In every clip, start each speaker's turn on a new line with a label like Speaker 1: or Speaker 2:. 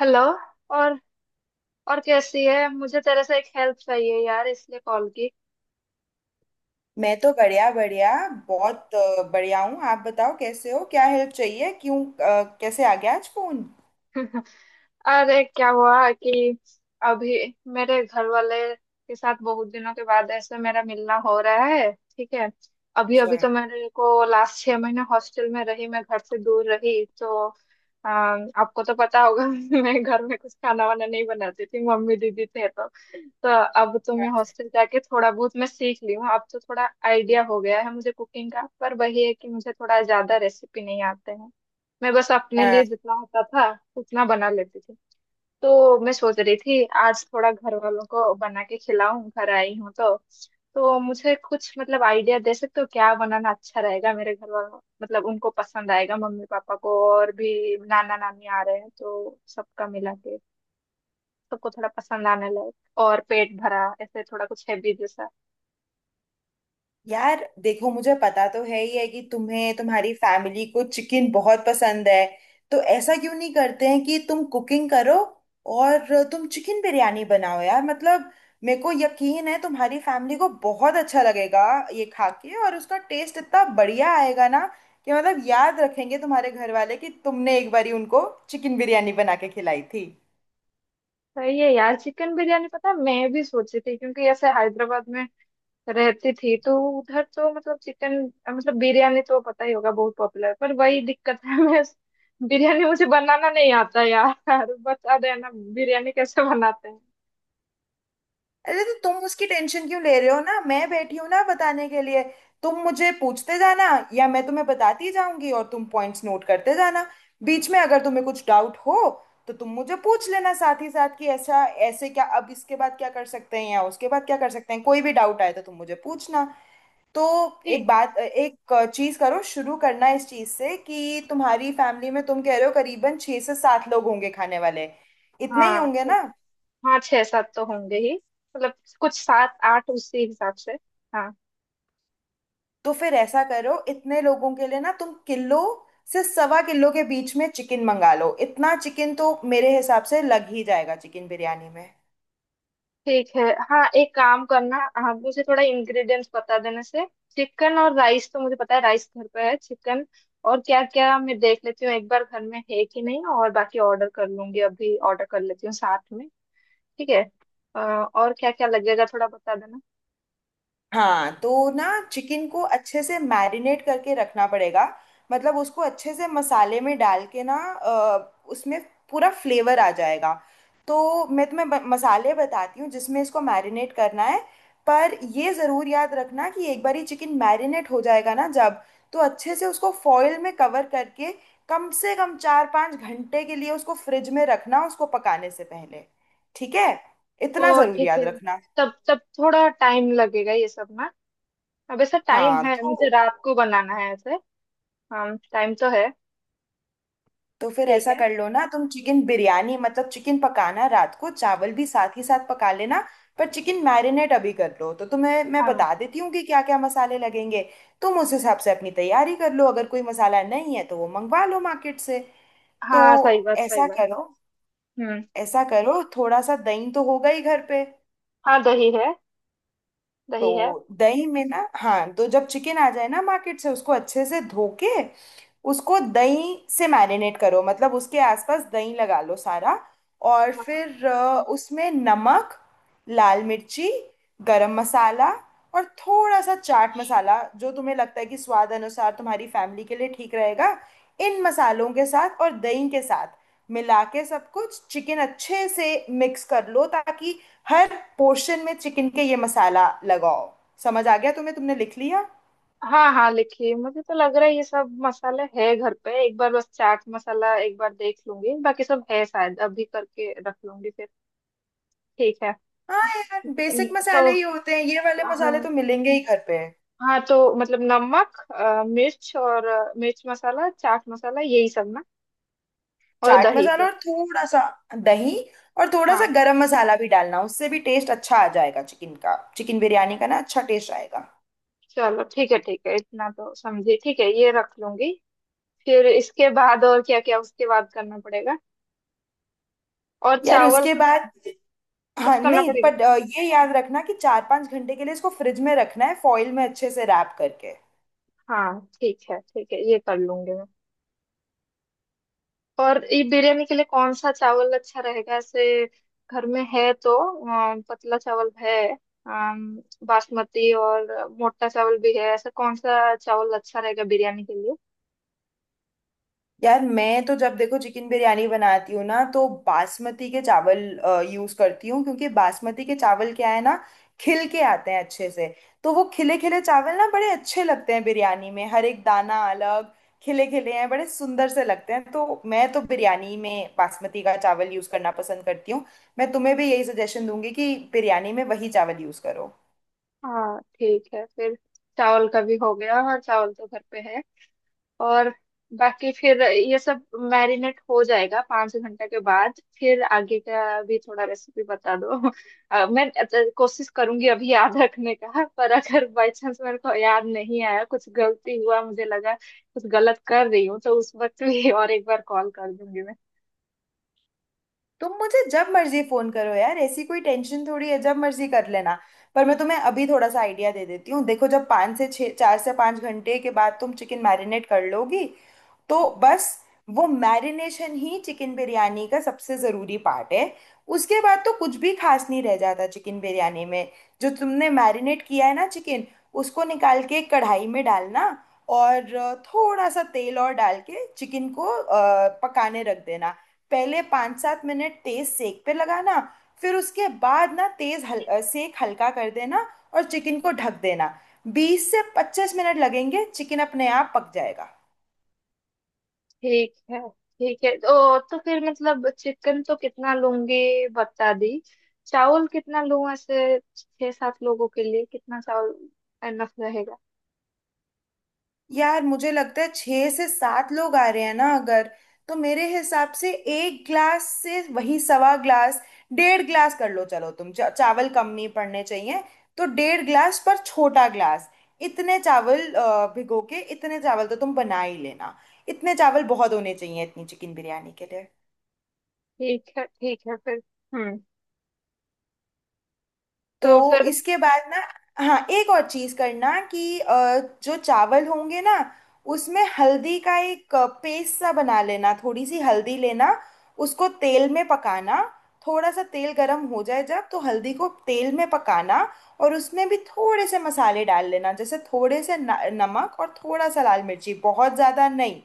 Speaker 1: Hello. और और कैसी है। मुझे तेरे से एक हेल्प चाहिए यार इसलिए कॉल की।
Speaker 2: मैं तो बढ़िया बढ़िया बहुत बढ़िया हूँ। आप बताओ, कैसे हो? क्या हेल्प चाहिए? क्यों कैसे आ गया आज फोन?
Speaker 1: अरे क्या हुआ कि अभी मेरे घर वाले के साथ बहुत दिनों के बाद ऐसे मेरा मिलना हो रहा है। ठीक है। अभी
Speaker 2: अच्छा।
Speaker 1: अभी तो मेरे को लास्ट 6 महीने हॉस्टल में रही मैं घर से दूर रही तो आपको तो पता होगा। मैं घर में कुछ खाना वाना नहीं बनाती थी मम्मी दीदी थे तो अब तो मैं हॉस्टल जाके थोड़ा बहुत मैं सीख ली हूँ। अब तो थोड़ा आइडिया हो गया है मुझे कुकिंग का, पर वही है कि मुझे थोड़ा ज्यादा रेसिपी नहीं आते हैं। मैं बस अपने लिए जितना होता था उतना बना लेती थी। तो मैं सोच रही थी आज थोड़ा घर वालों को बना के खिलाऊं, घर आई हूँ तो। तो मुझे कुछ मतलब आइडिया दे सकते हो क्या बनाना अच्छा रहेगा मेरे घर वालों मतलब उनको पसंद आएगा। मम्मी पापा को और भी नाना नानी आ रहे हैं, तो सबका मिला के सबको थोड़ा पसंद आने लगे और पेट भरा ऐसे थोड़ा कुछ हैवी जैसा।
Speaker 2: यार देखो, मुझे पता तो है ही है कि तुम्हें तुम्हारी फैमिली को चिकन बहुत पसंद है। तो ऐसा क्यों नहीं करते हैं कि तुम कुकिंग करो और तुम चिकन बिरयानी बनाओ? यार मतलब मेरे को यकीन है तुम्हारी फैमिली को बहुत अच्छा लगेगा ये खा के, और उसका टेस्ट इतना बढ़िया आएगा ना कि मतलब याद रखेंगे तुम्हारे घर वाले कि तुमने एक बारी उनको चिकन बिरयानी बना के खिलाई थी।
Speaker 1: तो ये यार चिकन बिरयानी पता है, मैं भी सोची थी, क्योंकि ऐसे हैदराबाद में रहती थी तो उधर तो मतलब चिकन मतलब बिरयानी तो पता ही होगा बहुत पॉपुलर। पर वही दिक्कत है, मैं बिरयानी मुझे बनाना नहीं आता यार। बता देना बिरयानी कैसे बनाते हैं।
Speaker 2: अरे तो तुम उसकी टेंशन क्यों ले रहे हो? ना मैं बैठी हूं ना बताने के लिए। तुम मुझे पूछते जाना, या मैं तुम्हें बताती जाऊंगी और तुम पॉइंट्स नोट करते जाना। बीच में अगर तुम्हें कुछ डाउट हो तो तुम मुझे पूछ लेना साथ ही साथ कि ऐसा ऐसे क्या, अब इसके बाद क्या कर सकते हैं या उसके बाद क्या कर सकते हैं। कोई भी डाउट आए तो तुम मुझे पूछना। तो एक
Speaker 1: ठीक।
Speaker 2: बात, एक चीज करो, शुरू करना इस चीज से कि तुम्हारी फैमिली में, तुम कह रहे हो, करीबन छह से सात लोग होंगे खाने वाले। इतने ही
Speaker 1: हाँ
Speaker 2: होंगे
Speaker 1: ठीक
Speaker 2: ना?
Speaker 1: है। हाँ 6-7 तो होंगे ही। मतलब कुछ 7-8 उसी हिसाब से। हाँ।
Speaker 2: तो फिर ऐसा करो, इतने लोगों के लिए ना तुम किलो से सवा किलो के बीच में चिकन मंगा लो। इतना चिकन तो मेरे हिसाब से लग ही जाएगा चिकन बिरयानी में।
Speaker 1: ठीक है। हाँ एक काम करना, आप मुझे थोड़ा इंग्रेडिएंट्स बता देने से। चिकन और राइस तो मुझे पता है, राइस घर पे है। चिकन और क्या क्या मैं देख लेती हूँ एक बार घर में है कि नहीं, और बाकी ऑर्डर कर लूंगी, अभी ऑर्डर कर लेती हूँ साथ में। ठीक है। और क्या क्या लगेगा थोड़ा बता देना।
Speaker 2: हाँ तो ना, चिकन को अच्छे से मैरिनेट करके रखना पड़ेगा। मतलब उसको अच्छे से मसाले में डाल के ना, उसमें पूरा फ्लेवर आ जाएगा। तो मैं तुम्हें मसाले बताती हूँ जिसमें इसको मैरिनेट करना है। पर ये ज़रूर याद रखना कि एक बार ही चिकन मैरिनेट हो जाएगा ना जब, तो अच्छे से उसको फॉil में कवर करके कम से कम 4-5 घंटे के लिए उसको फ्रिज में रखना, उसको पकाने से पहले। ठीक है, इतना
Speaker 1: तो
Speaker 2: ज़रूर
Speaker 1: ठीक
Speaker 2: याद
Speaker 1: है।
Speaker 2: रखना।
Speaker 1: तब तब थोड़ा टाइम लगेगा ये सब ना। अब ऐसा टाइम
Speaker 2: हाँ
Speaker 1: है, मुझे
Speaker 2: तो
Speaker 1: रात को बनाना है ऐसे। हाँ टाइम तो है।
Speaker 2: तो फिर
Speaker 1: ठीक
Speaker 2: ऐसा
Speaker 1: है।
Speaker 2: कर लो ना, तुम चिकन बिरयानी मतलब चिकन पकाना रात को, चावल भी साथ ही साथ पका लेना। पर चिकन मैरिनेट अभी कर लो, तो तुम्हें मैं
Speaker 1: हाँ।
Speaker 2: बता देती हूँ कि क्या क्या मसाले लगेंगे। तुम उस हिसाब से अपनी तैयारी कर लो, अगर कोई मसाला नहीं है तो वो मंगवा लो मार्केट से। तो
Speaker 1: हाँ सही बात सही
Speaker 2: ऐसा
Speaker 1: बात।
Speaker 2: करो
Speaker 1: हम्म।
Speaker 2: ऐसा करो, थोड़ा सा दही तो होगा ही घर पे।
Speaker 1: हाँ दही है दही है।
Speaker 2: तो दही में ना, हाँ तो जब चिकन आ जाए ना मार्केट से, उसको अच्छे से धो के उसको दही से मैरिनेट करो, मतलब उसके आसपास दही लगा लो सारा। और
Speaker 1: हाँ।
Speaker 2: फिर उसमें नमक, लाल मिर्ची, गरम मसाला और थोड़ा सा चाट मसाला जो तुम्हें लगता है कि स्वाद अनुसार तुम्हारी फैमिली के लिए ठीक रहेगा। इन मसालों के साथ और दही के साथ मिला के सब कुछ चिकन अच्छे से मिक्स कर लो, ताकि हर पोर्शन में चिकन के ये मसाला लगाओ। समझ आ गया तुम्हें? तुमने लिख लिया?
Speaker 1: हाँ हाँ लिखिए, मुझे तो लग रहा है ये सब मसाला है घर पे। एक बार बस चाट मसाला एक बार देख लूंगी, बाकी सब है शायद, अभी करके रख लूंगी फिर। ठीक है।
Speaker 2: हाँ यार, बेसिक
Speaker 1: तो
Speaker 2: मसाले ही होते हैं ये वाले, मसाले
Speaker 1: हाँ।
Speaker 2: तो मिलेंगे ही घर पे।
Speaker 1: हाँ तो मतलब नमक, मिर्च, और मिर्च मसाला, चाट मसाला, यही सब ना। और
Speaker 2: चाट
Speaker 1: दही।
Speaker 2: मसाला और थोड़ा सा दही और थोड़ा
Speaker 1: हाँ
Speaker 2: सा गरम मसाला भी डालना, उससे भी टेस्ट अच्छा आ जाएगा चिकन का, चिकन बिरयानी का ना अच्छा टेस्ट आएगा।
Speaker 1: चलो ठीक है ठीक है, इतना तो समझी। ठीक है, ये रख लूंगी। फिर इसके बाद और क्या क्या, उसके बाद करना पड़ेगा, और
Speaker 2: यार
Speaker 1: चावल
Speaker 2: उसके
Speaker 1: का
Speaker 2: बाद,
Speaker 1: कुछ
Speaker 2: हाँ
Speaker 1: करना
Speaker 2: नहीं,
Speaker 1: पड़ेगा।
Speaker 2: पर ये याद रखना कि 4-5 घंटे के लिए इसको फ्रिज में रखना है, फॉइल में अच्छे से रैप करके।
Speaker 1: हाँ ठीक है ठीक है, ये कर लूंगी मैं। और ये बिरयानी के लिए कौन सा चावल अच्छा रहेगा, ऐसे घर में है तो पतला चावल है, अम, बासमती और मोटा चावल भी है, ऐसा कौन सा चावल अच्छा रहेगा बिरयानी के लिए।
Speaker 2: यार मैं तो जब देखो चिकन बिरयानी बनाती हूँ ना, तो बासमती के चावल यूज करती हूँ, क्योंकि बासमती के चावल क्या है ना, खिल के आते हैं अच्छे से। तो वो खिले खिले चावल ना बड़े अच्छे लगते हैं बिरयानी में, हर एक दाना अलग खिले खिले हैं, बड़े सुंदर से लगते हैं। तो मैं तो बिरयानी में बासमती का चावल यूज करना पसंद करती हूँ। मैं तुम्हें भी यही सजेशन दूंगी कि बिरयानी में वही चावल यूज करो।
Speaker 1: हाँ ठीक है फिर। चावल का भी हो गया। हाँ चावल तो घर पे है। और बाकी फिर ये सब मैरिनेट हो जाएगा 5 घंटे के बाद, फिर आगे का भी थोड़ा रेसिपी बता दो। मैं कोशिश करूंगी अभी याद रखने का, पर अगर बाई चांस मेरे को याद नहीं आया, कुछ गलती हुआ, मुझे लगा कुछ गलत कर रही हूँ, तो उस वक्त भी और एक बार कॉल कर दूंगी मैं।
Speaker 2: तुम मुझे जब मर्जी फोन करो यार, ऐसी कोई टेंशन थोड़ी है, जब मर्जी कर लेना। पर मैं तुम्हें अभी थोड़ा सा आइडिया दे देती हूँ। देखो, जब 5 से 6, 4 से 5 घंटे के बाद तुम चिकन मैरिनेट कर लोगी, तो बस वो मैरिनेशन ही चिकन बिरयानी का सबसे ज़रूरी पार्ट है। उसके बाद तो कुछ भी खास नहीं रह जाता चिकन बिरयानी में। जो तुमने मैरिनेट किया है ना चिकन, उसको निकाल के कढ़ाई में डालना और थोड़ा सा तेल और डाल के चिकन को पकाने रख देना। पहले 5-7 मिनट तेज सेक पे लगाना, फिर उसके बाद ना तेज सेक हल्का कर देना और चिकन को ढक देना। 20 से 25 मिनट लगेंगे, चिकन अपने आप पक जाएगा।
Speaker 1: ठीक है ठीक है। तो फिर मतलब चिकन तो कितना लूंगी बता दी, चावल कितना लूं ऐसे 6-7 लोगों के लिए, कितना चावल एनफ रहेगा।
Speaker 2: यार मुझे लगता है छह से सात लोग आ रहे हैं ना अगर, तो मेरे हिसाब से एक ग्लास से वही सवा ग्लास, डेढ़ ग्लास कर लो चलो तुम, चावल कम नहीं पड़ने चाहिए। तो डेढ़ ग्लास पर छोटा ग्लास, इतने चावल भिगो के इतने चावल तो तुम बना ही लेना। इतने चावल बहुत होने चाहिए इतनी चिकन बिरयानी के लिए।
Speaker 1: ठीक है फिर। हम्म। तो
Speaker 2: तो
Speaker 1: फिर।
Speaker 2: इसके बाद ना, हाँ एक और चीज करना कि जो चावल होंगे ना, उसमें हल्दी का एक पेस्ट सा बना लेना, थोड़ी सी हल्दी लेना, उसको तेल में पकाना। थोड़ा सा तेल गरम हो जाए जब, तो हल्दी को तेल में पकाना और उसमें भी थोड़े से मसाले डाल लेना, जैसे थोड़े से न, नमक और थोड़ा सा लाल मिर्ची, बहुत ज़्यादा नहीं।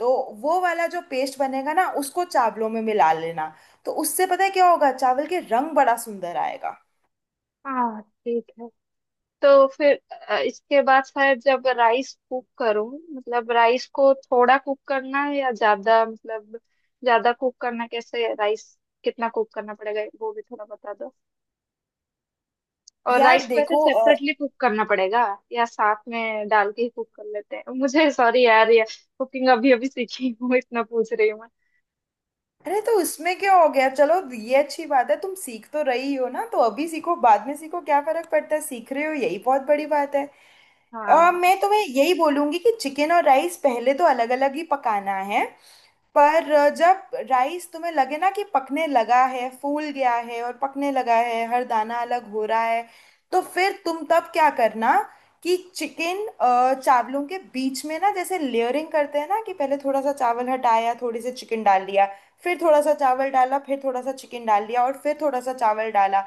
Speaker 2: तो वो वाला जो पेस्ट बनेगा ना, उसको चावलों में मिला लेना। तो उससे पता है क्या होगा, चावल के रंग बड़ा सुंदर आएगा।
Speaker 1: हाँ ठीक है। तो फिर इसके बाद शायद जब राइस कुक करूँ, मतलब राइस को थोड़ा कुक करना है या ज्यादा, मतलब ज्यादा कुक करना कैसे राइस, कितना कुक करना पड़ेगा वो भी थोड़ा बता दो। और
Speaker 2: यार
Speaker 1: राइस को ऐसे
Speaker 2: देखो,
Speaker 1: सेपरेटली कुक करना पड़ेगा या साथ में डाल के ही कुक कर लेते हैं। मुझे सॉरी यार ये कुकिंग अभी अभी सीखी हूँ, इतना पूछ रही हूँ मैं।
Speaker 2: अरे तो इसमें क्या हो गया? चलो ये अच्छी बात है, तुम सीख तो रही हो ना, तो अभी सीखो बाद में सीखो क्या फर्क पड़ता है, सीख रहे हो यही बहुत बड़ी बात है।
Speaker 1: हाँ
Speaker 2: मैं तुम्हें यही बोलूंगी कि चिकन और राइस पहले तो अलग अलग ही पकाना है। पर जब राइस तुम्हें लगे ना कि पकने लगा है, फूल गया है और पकने लगा है, हर दाना अलग हो रहा है, तो फिर तुम तब क्या करना कि चिकन चावलों के बीच में ना, जैसे लेयरिंग करते हैं ना, कि पहले थोड़ा सा चावल हटाया, थोड़ी सी चिकन डाल दिया, फिर थोड़ा सा चावल डाला, फिर थोड़ा सा चिकन डाल दिया और फिर थोड़ा सा चावल डाला।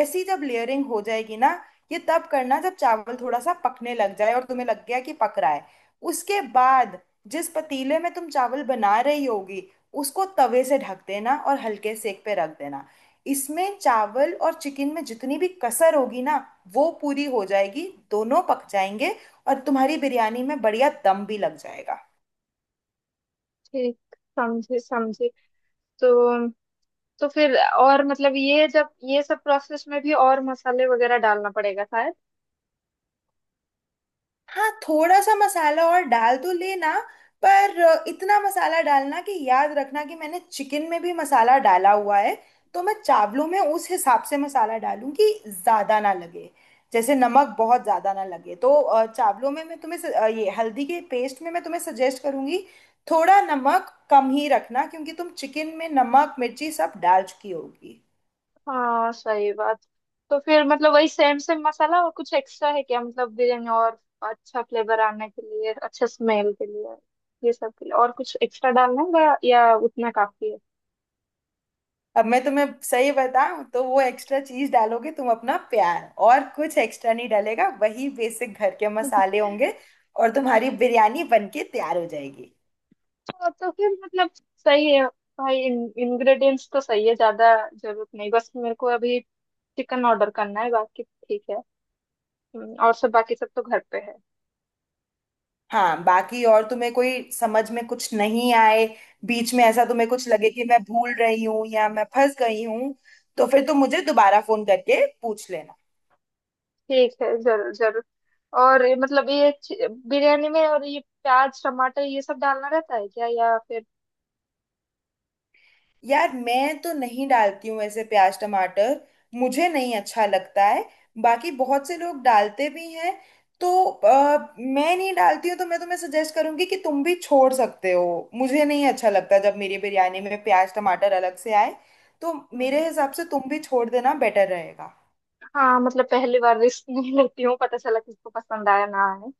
Speaker 2: ऐसी जब लेयरिंग हो जाएगी ना, ये तब करना जब चावल थोड़ा सा पकने लग जाए और तुम्हें लग गया कि पक रहा है। उसके बाद जिस पतीले में तुम चावल बना रही होगी, उसको तवे से ढक देना और हल्के सेक पे रख देना। इसमें चावल और चिकन में जितनी भी कसर होगी ना, वो पूरी हो जाएगी, दोनों पक जाएंगे और तुम्हारी बिरयानी में बढ़िया दम भी लग जाएगा।
Speaker 1: ठीक। समझे समझे। तो तो फिर और मतलब ये जब ये सब प्रोसेस में भी और मसाले वगैरह डालना पड़ेगा शायद।
Speaker 2: हाँ, थोड़ा सा मसाला और डाल तो लेना, पर इतना मसाला डालना कि याद रखना कि मैंने चिकन में भी मसाला डाला हुआ है। तो मैं चावलों में उस हिसाब से मसाला डालूं कि ज़्यादा ना लगे, जैसे नमक बहुत ज़्यादा ना लगे। तो चावलों में मैं तुम्हें ये हल्दी के पेस्ट में मैं तुम्हें सजेस्ट करूंगी, थोड़ा नमक कम ही रखना क्योंकि तुम चिकन में नमक मिर्ची सब डाल चुकी होगी।
Speaker 1: हाँ सही बात। तो फिर मतलब वही सेम सेम मसाला, और कुछ एक्स्ट्रा है क्या, मतलब बिरयानी और अच्छा फ्लेवर आने के लिए, अच्छा स्मेल के लिए, ये सब के लिए और कुछ एक्स्ट्रा डालना होगा या उतना काफी है।
Speaker 2: अब मैं तुम्हें सही बताऊं, तो वो एक्स्ट्रा चीज डालोगे तुम अपना प्यार, और कुछ एक्स्ट्रा नहीं डालेगा, वही बेसिक घर के मसाले होंगे और तुम्हारी बिरयानी बनके तैयार हो जाएगी।
Speaker 1: तो फिर मतलब सही है। भाई इंग्रेडिएंट्स तो सही है, ज्यादा जरूरत नहीं, बस मेरे को अभी चिकन ऑर्डर करना है, बाकी ठीक है। और सब बाकी सब तो घर पे है।
Speaker 2: हाँ बाकी, और तुम्हें कोई समझ में कुछ नहीं आए, बीच में ऐसा तुम्हें कुछ लगे कि मैं भूल रही हूँ या मैं फंस गई हूँ, तो फिर तुम मुझे दोबारा फोन करके पूछ लेना।
Speaker 1: ठीक है, जरूर जरूर। और ये मतलब ये बिरयानी में और ये प्याज टमाटर ये सब डालना रहता है क्या या फिर।
Speaker 2: यार मैं तो नहीं डालती हूँ ऐसे प्याज टमाटर, मुझे नहीं अच्छा लगता है। बाकी बहुत से लोग डालते भी हैं। तो मैं नहीं डालती हूँ, तो मैं तुम्हें सजेस्ट करूंगी कि तुम भी छोड़ सकते हो, मुझे नहीं अच्छा लगता जब मेरी बिरयानी में प्याज टमाटर अलग से आए। तो
Speaker 1: हम्म,
Speaker 2: मेरे हिसाब से तुम भी छोड़ देना बेटर रहेगा।
Speaker 1: हाँ मतलब पहली बार रिस्क नहीं लेती हूँ पता चला किसको पसंद आया ना आए।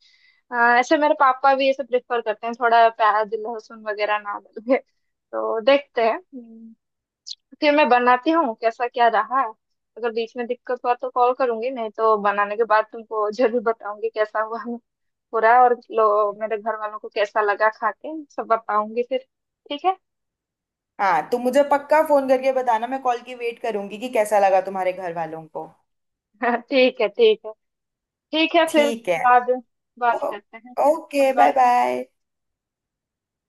Speaker 1: ऐसे मेरे पापा भी ये सब प्रेफर करते हैं, थोड़ा प्याज लहसुन वगैरह ना डाले तो देखते हैं। हम्म। फिर मैं बनाती हूँ कैसा क्या रहा, अगर बीच में दिक्कत हुआ तो कॉल करूंगी, नहीं तो बनाने के बाद तुमको जरूर बताऊंगी कैसा हुआ पूरा, और लो मेरे घर वालों को कैसा लगा खा के, सब बताऊंगी फिर। ठीक है।
Speaker 2: हाँ, तो मुझे पक्का फोन करके बताना, मैं कॉल की वेट करूंगी कि कैसा लगा तुम्हारे घर वालों को।
Speaker 1: ठीक है ठीक है। ठीक है फिर
Speaker 2: ठीक है।
Speaker 1: बाद बात
Speaker 2: ओ-
Speaker 1: करते हैं। Bye
Speaker 2: okay, bye
Speaker 1: bye.
Speaker 2: Bye.